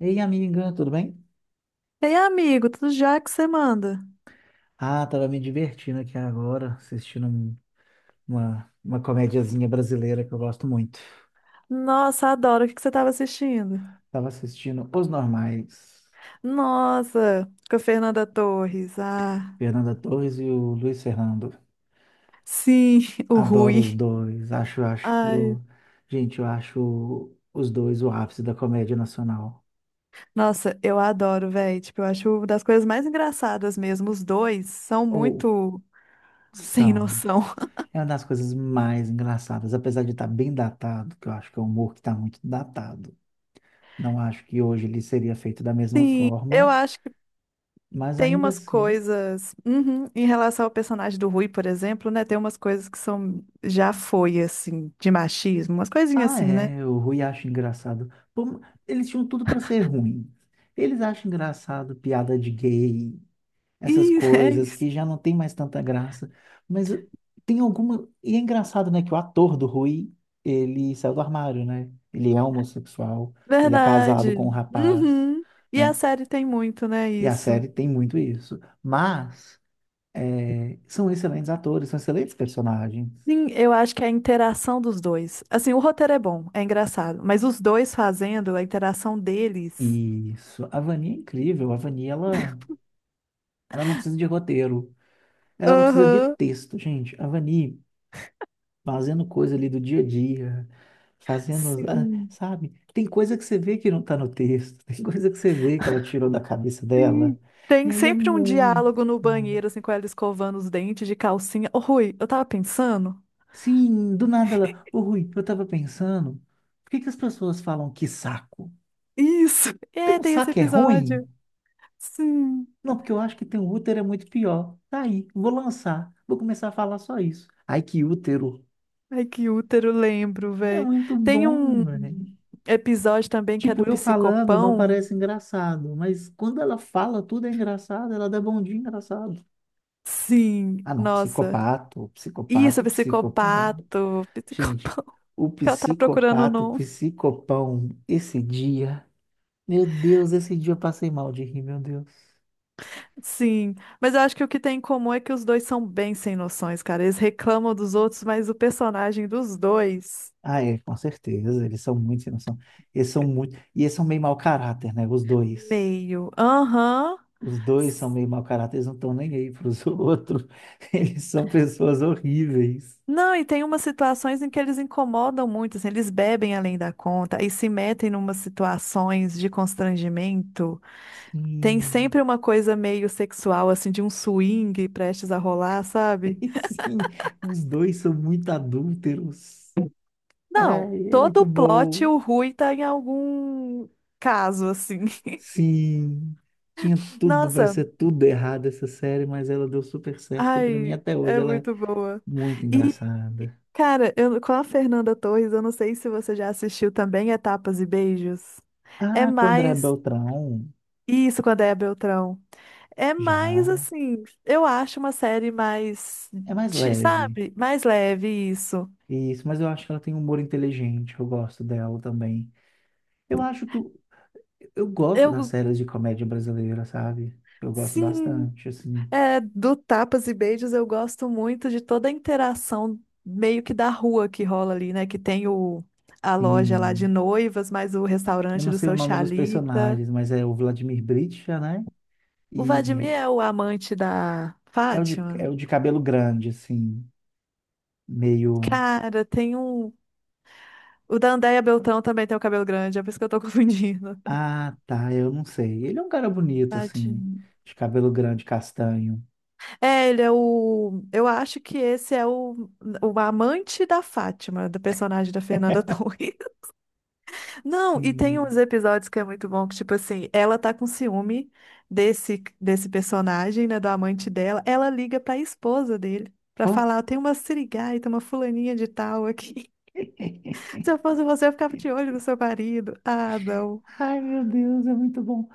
Ei, amiga, tudo bem? Ei, amigo, tudo já que você manda? Ah, tava me divertindo aqui agora, assistindo uma comediazinha brasileira que eu gosto muito. Nossa, adoro. O que que você estava assistindo? Tava assistindo Os Normais, Nossa, com a Fernanda Torres. Ah, Fernanda Torres e o Luiz Fernando. sim, o Adoro os Rui. dois, acho, Ai, acho, gente, eu acho os dois o ápice da comédia nacional. nossa, eu adoro, velho. Tipo, eu acho uma das coisas mais engraçadas mesmo. Os dois são Ou muito sem são. noção. É uma das coisas mais engraçadas, apesar de estar bem datado, que eu acho que é um humor que está muito datado. Não acho que hoje ele seria feito da mesma Sim, eu forma. acho que Mas tem ainda umas assim. coisas. Uhum, em relação ao personagem do Rui, por exemplo, né? Tem umas coisas que são. Já foi, assim, de machismo, umas coisinhas Ah, assim, né? é, o Rui acha engraçado. Pô, eles tinham tudo para ser ruim. Eles acham engraçado piada de gay, essas E é coisas isso. que já não tem mais tanta graça. Mas tem alguma. E é engraçado, né, que o ator do Rui, ele saiu do armário, né? Ele é homossexual, ele é casado com Verdade. um rapaz, Uhum. E a né? série tem muito, né, E a isso. série tem muito isso. Mas são excelentes atores, são excelentes personagens. Sim, eu acho que é a interação dos dois. Assim, o roteiro é bom, é engraçado, mas os dois fazendo a interação deles. Isso. A Vani é incrível. A Vani, ela. Ela não precisa de roteiro, ela não precisa de Aham. texto, gente. A Vani fazendo coisa ali do dia a dia, fazendo, ah, Sim. sabe? Tem coisa que você vê que não tá no texto, tem coisa que você vê que ela tirou da cabeça dela. Sim. E Tem aí é sempre um muito. diálogo no banheiro, assim, com ela escovando os dentes de calcinha. Ô, Rui, eu tava pensando. Sim, do nada ela. Ô Rui, eu tava pensando, por que que as pessoas falam que saco? Isso. Tem É, um tem esse saco é ruim? episódio. Sim. Não, porque eu acho que tem um útero é muito pior. Tá aí, vou lançar, vou começar a falar só isso. Ai, que útero. Ai, que útero, lembro, É velho. muito Tem bom, um velho. episódio também que é do Tipo, eu falando não psicopão. parece engraçado, mas quando ela fala tudo é engraçado, ela dá bom dia engraçado. Sim, Ah, não, nossa. psicopato, Isso, psicopato, psicopão. psicopato, Gente, psicopão. o Ela tá procurando o psicopato, nome. psicopão, esse dia, meu Deus, esse dia eu passei mal de rir, meu Deus. Sim, mas eu acho que o que tem em comum é que os dois são bem sem noções, cara. Eles reclamam dos outros, mas o personagem dos dois, Ah, é, com certeza, eles são muito sem noção. Eles são muito, e eles são meio mau caráter, né, os dois. meio. Aham. Os dois são S- meio mau caráter, eles não estão nem aí para os outros. Eles são pessoas horríveis. Não, e tem umas situações em que eles incomodam muito, assim, eles bebem além da conta e se metem em numas situações de constrangimento. Tem Sim. sempre uma coisa meio sexual, assim, de um swing prestes a rolar, sabe? E sim, os dois são muito adúlteros. Não, Ai, é muito todo plot bom. o Rui tá em algum caso, assim. Sim, tinha tudo para Nossa, ser tudo errado essa série, mas ela deu super certo e para mim ai, até hoje é ela é muito boa. muito E, engraçada. cara, eu, com a Fernanda Torres, eu não sei se você já assistiu também Etapas e Beijos. É Ah, com André mais Beltrão, isso com a Déa Beltrão. É mais já assim, eu acho uma série mais, é mais leve. sabe, mais leve isso. Isso, mas eu acho que ela tem um humor inteligente, eu gosto dela também. Eu acho que eu gosto das Eu, séries de comédia brasileira, sabe? Eu gosto sim, bastante, assim. é, do Tapas e Beijos eu gosto muito de toda a interação meio que da rua que rola ali, né? Que tem o, a loja lá de Sim. noivas, mais o Eu restaurante não do sei o seu nome dos Chalita. personagens, mas é o Vladimir Britcha, né? O Vladimir E é o amante da é o de, Fátima? é o de cabelo grande, assim, meio. Cara, tem um. O da Andéia Beltrão também tem o cabelo grande, é por isso que eu tô confundindo. Ah, tá, eu não sei. Ele é um cara bonito, assim, Tadinho. de cabelo grande, castanho. É, ele é o. Eu acho que esse é o amante da Fátima, do personagem da Fernanda Torres. Não, e tem uns Sim. episódios que é muito bom, que, tipo assim, ela tá com ciúme desse personagem, né, do amante dela. Ela liga pra esposa dele pra Ó. falar: tem uma sirigaita, uma fulaninha de tal aqui. Se eu fosse você, eu ficava de olho no seu marido. Ah, não. Ai, meu Deus, é muito bom.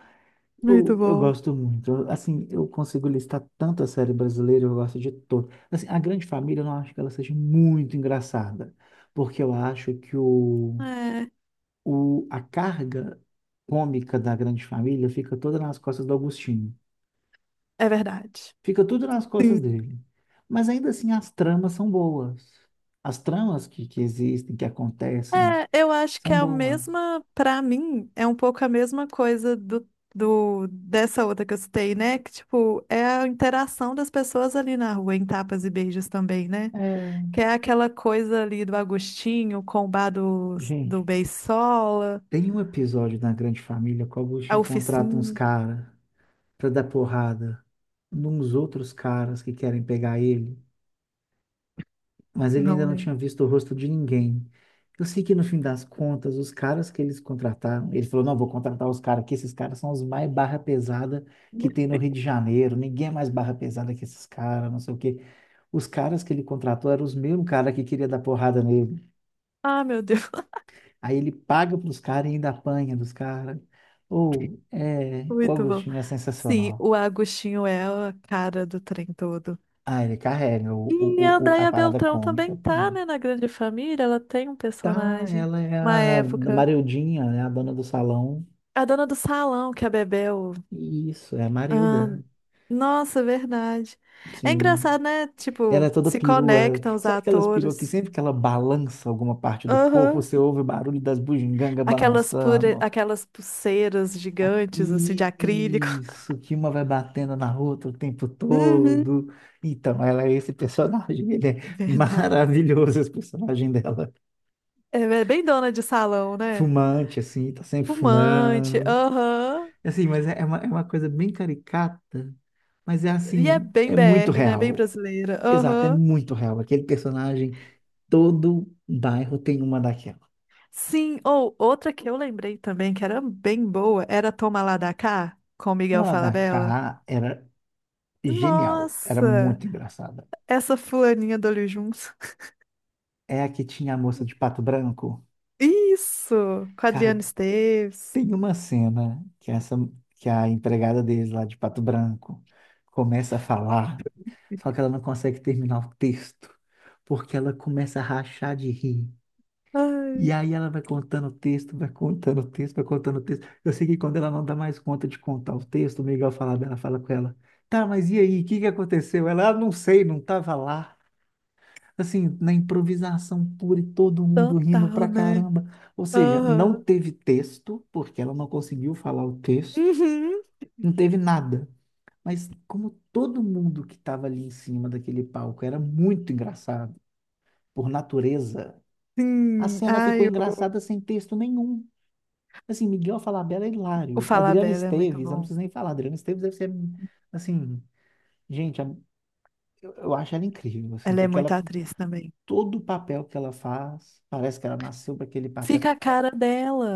Muito Eu bom. gosto muito. Assim, eu consigo listar tanta série brasileira, eu gosto de todas. Assim, A Grande Família, eu não acho que ela seja muito engraçada, porque eu acho que É, a carga cômica da Grande Família fica toda nas costas do Agostinho. é verdade. Fica tudo nas costas dele. Mas ainda assim, as tramas são boas. As tramas que existem, que acontecem, É, eu acho que são é a boas. mesma, pra mim, é um pouco a mesma coisa do, do dessa outra que eu citei, né? Que, tipo, é a interação das pessoas ali na rua, em tapas e beijos também, né? É. Que é aquela coisa ali do Agostinho com o bar do, do Gente, Beisola, tem um episódio da Grande Família que o a Agostinho contrata uns oficina, caras pra dar porrada nos outros caras que querem pegar ele. Mas ele não ainda não lembro. tinha visto o rosto de ninguém. Eu sei que no fim das contas, os caras que eles contrataram, ele falou: não, vou contratar os caras aqui, esses caras são os mais barra pesada que tem no Rio de Janeiro, ninguém é mais barra pesada que esses caras, não sei o quê. Os caras que ele contratou eram os mesmos caras que queria dar porrada nele. Ah, meu Deus, Aí ele paga pros caras e ainda apanha dos caras. Ou, é, o muito bom. Agostinho é Sim, sensacional. o Agostinho é a cara do trem todo. Ah, ele carrega E a a Andréia parada Beltrão cômica também do tá, nada. né, na Grande Família, ela tem um Tá, personagem ela é uma a época. Marildinha, né, a dona do salão. A dona do salão que a bebeu. Isso, é a Ah, Marilda. nossa, verdade. É Sim. engraçado, né? Ela é Tipo, toda se perua. conectam os Sabe aquelas peruas que atores. sempre que ela balança alguma parte do corpo, Aham. você ouve o barulho das bugigangas Aquelas, pure... balançando? Aquelas pulseiras Ah, gigantes, assim, de acrílico. isso, que uma vai batendo na outra o tempo Uhum. todo. Então, ela é esse personagem. Ele é Verdade. maravilhoso, esse personagem dela. É é bem dona de salão, né? Fumante, assim, tá sempre Fumante, fumando. aham. Assim, mas é uma coisa bem caricata, mas é E é assim, bem é muito BR, né? Bem real. brasileira, Exato, é aham. muito real. Aquele personagem. Todo bairro tem uma daquela. Sim, ou outra que eu lembrei também, que era bem boa, era Toma Lá da Cá, com Miguel Uma lá da Falabella. cá era genial, era Nossa! muito engraçada. Essa fulaninha do Olho Juntos. É a que tinha a moça de pato branco. Isso! Com a Cara, Adriana Esteves. tem uma cena que essa que a empregada deles lá de pato branco começa a falar, só que ela não consegue terminar o texto, porque ela começa a rachar de rir. E Ai, aí ela vai contando o texto, vai contando o texto, vai contando o texto. Eu sei que quando ela não dá mais conta de contar o texto, o Miguel fala dela, fala com ela, tá, mas e aí, o que que aconteceu? Ela, ah, não sei, não tava lá. Assim, na improvisação pura e todo mundo rindo total, pra né? caramba. Ou seja, não Aham. teve texto, porque ela não conseguiu falar o texto, Uhum. não teve nada. Mas como todo mundo que estava ali em cima daquele palco era muito engraçado, por natureza, a Sim. cena ficou Ai, engraçada sem texto nenhum. Assim, Miguel Falabella é o hilário. Adriana Falabella é muito Esteves, eu não bom. preciso nem falar. Adriana Esteves deve ser, assim, gente, eu acho ela incrível, assim, Ela é porque muito ela, atriz também. todo papel que ela faz, parece que ela nasceu para aquele papel. Fica a cara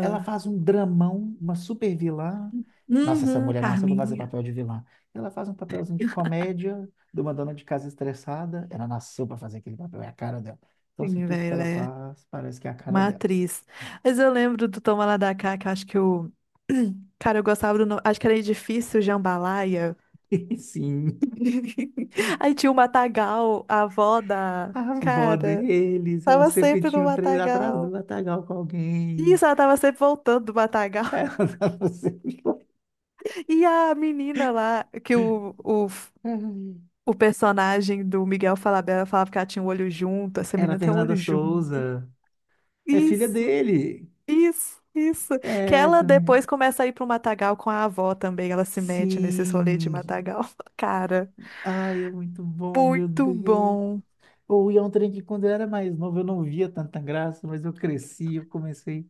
Ela faz um dramão, uma super vilã. Nossa, essa Uhum, mulher nasceu para fazer Carminha. papel de vilã. Ela faz um papelzinho de comédia, de uma dona de casa estressada. Ela nasceu para fazer aquele papel, é a cara dela. Então, assim, Sim, tudo que velho, ela ela é faz parece que é a cara uma dela. atriz. Mas eu lembro do Toma Lá da Cá, que eu acho que o... Cara, eu gostava do nome. Acho que era Edifício Jambalaya. Sim. Aí tinha o Matagal, a avó da. A avó Cara, deles, ela tava sempre sempre no tinha um três atrás do Matagal. matagal com alguém. Isso, ela tava sempre voltando do Matagal. Ela tava sempre. E a menina lá, que Ai. o personagem do Miguel Falabella falava que ela tinha um olho junto, essa Era a menina tem um Fernanda olho junto. Souza. É filha Isso, dele. isso. Que É ela essa menina. depois começa a ir pro Matagal com a avó também, ela se mete nesses rolês de Sim. Matagal. Cara, Ai, é muito bom, meu muito Deus. bom. Ou ia um trem que quando eu era mais novo eu não via tanta graça, mas eu cresci, eu comecei.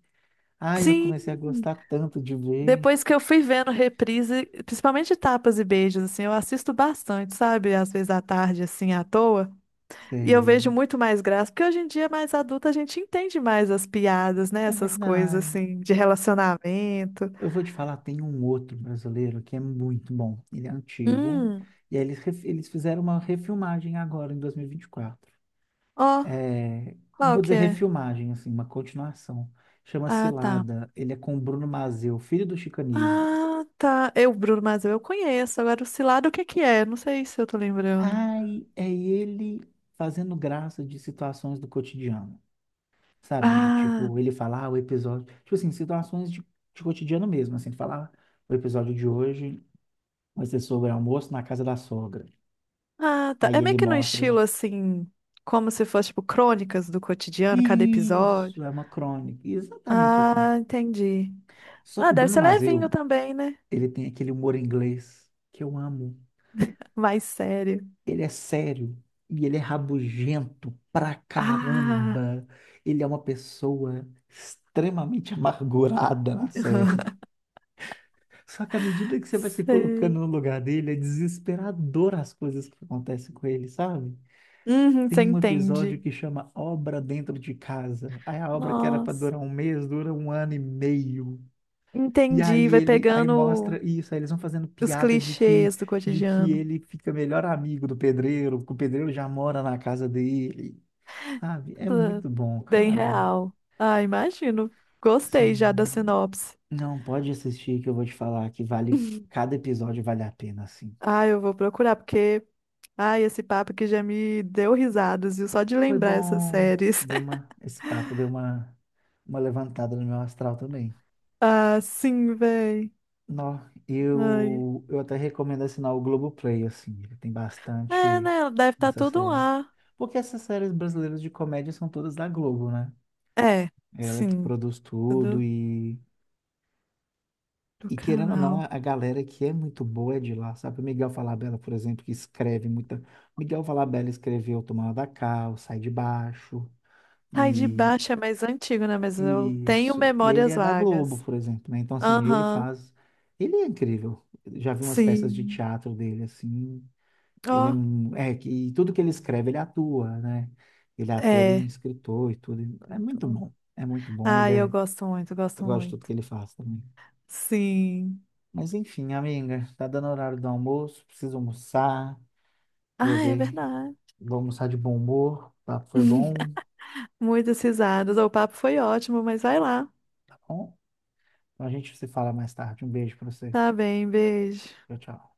Ai, eu Sim, comecei a gostar tanto de ver. depois que eu fui vendo reprise, principalmente tapas e beijos, assim, eu assisto bastante, sabe? Às vezes à tarde, assim, à toa. E eu Sei. vejo muito mais graça, porque hoje em dia, mais adulta, a gente entende mais as piadas, né? É Essas coisas, verdade. assim, de relacionamento. Eu vou te falar, tem um outro brasileiro que é muito bom. Ele é antigo. Hum, E aí eles fizeram uma refilmagem agora, em 2024. ó, É, não qual vou que dizer é? refilmagem, assim, uma continuação. Chama Ah, tá. Cilada. Ele é com o Bruno Mazeu, filho do Chico Anísio. Ah, tá. Eu, Bruno Mars, eu conheço. Agora, o Cilado, o que que é? Não sei se eu tô lembrando. Ai, é ele fazendo graça de situações do cotidiano, sabe? Ah, Tipo, ele fala, ah, o episódio. Tipo assim, situações de, cotidiano mesmo, assim. Falar, o episódio de hoje vai ser sobre almoço na casa da sogra. ah, tá. Aí É ele meio que no mostra. estilo, assim, como se fosse, tipo, crônicas do cotidiano, cada episódio. Isso, é uma crônica. Exatamente assim. Ah, entendi. Só que Ah, o deve Bruno ser levinho Mazeu, também, né? ele tem aquele humor inglês que eu amo. Mais sério. Ele é sério e ele é rabugento pra Ah, caramba. Ele é uma pessoa extremamente amargurada na série. Só que à medida que você vai se sei. colocando no lugar dele, é desesperador as coisas que acontecem com ele, sabe? Uhum, Tem você um episódio entende. que chama Obra Dentro de Casa. Aí a obra que era para Nossa, durar um mês dura um ano e meio. E entendi. aí Vai ele, aí pegando mostra isso, aí eles vão fazendo os piada de que clichês do de que cotidiano. ele fica melhor amigo do pedreiro, que o pedreiro já mora na casa dele. Sabe? É Ah, muito bom, bem cara. real. Ah, imagino. Gostei já da Sim. sinopse. Não, pode assistir que eu vou te falar que vale, cada episódio vale a pena, assim. Ah, eu vou procurar, porque. Ai, esse papo aqui já me deu risadas, viu? Só de Foi lembrar essas bom, séries. Esse papo deu uma levantada no meu astral também. Ah, sim, véi. Nó, Ai. eu até recomendo assinar o Globoplay, assim, ele tem É, bastante né? Deve estar dessa tudo série. lá. Porque essas séries brasileiras de comédia são todas da Globo, né? É, É ela que sim, produz tudo tudo e, do e querendo ou não, canal. a galera que é muito boa é de lá, sabe? O Miguel Falabella, por exemplo, que escreve muita. Miguel Falabella escreveu Tomando da Cá, o Sai de Baixo, Tá, e de e baixo é mais antigo, né? Mas eu e tenho isso. E ele memórias é da Globo, vagas. por exemplo, né? Então, assim, ele Aham, faz. Ele é incrível. Já vi umas peças de sim. teatro dele, assim. Ó, Ele é, mu- é, que- e tudo que ele escreve, ele atua, né? Ele é ator e é. escritor e tudo. É Muito muito bom. bom. É muito bom. Ele Ai, eu é, gosto muito, eu gosto gosto de tudo muito. que ele faz também. Sim. Mas enfim, amiga, tá dando horário do almoço, preciso almoçar. Vou Ah, é ver, verdade. vou almoçar de bom humor. O papo foi bom, Muitas risadas. O papo foi ótimo, mas vai lá. tá bom? Então a gente se fala mais tarde. Um beijo pra você. Tá bem, beijo. Tchau, tchau.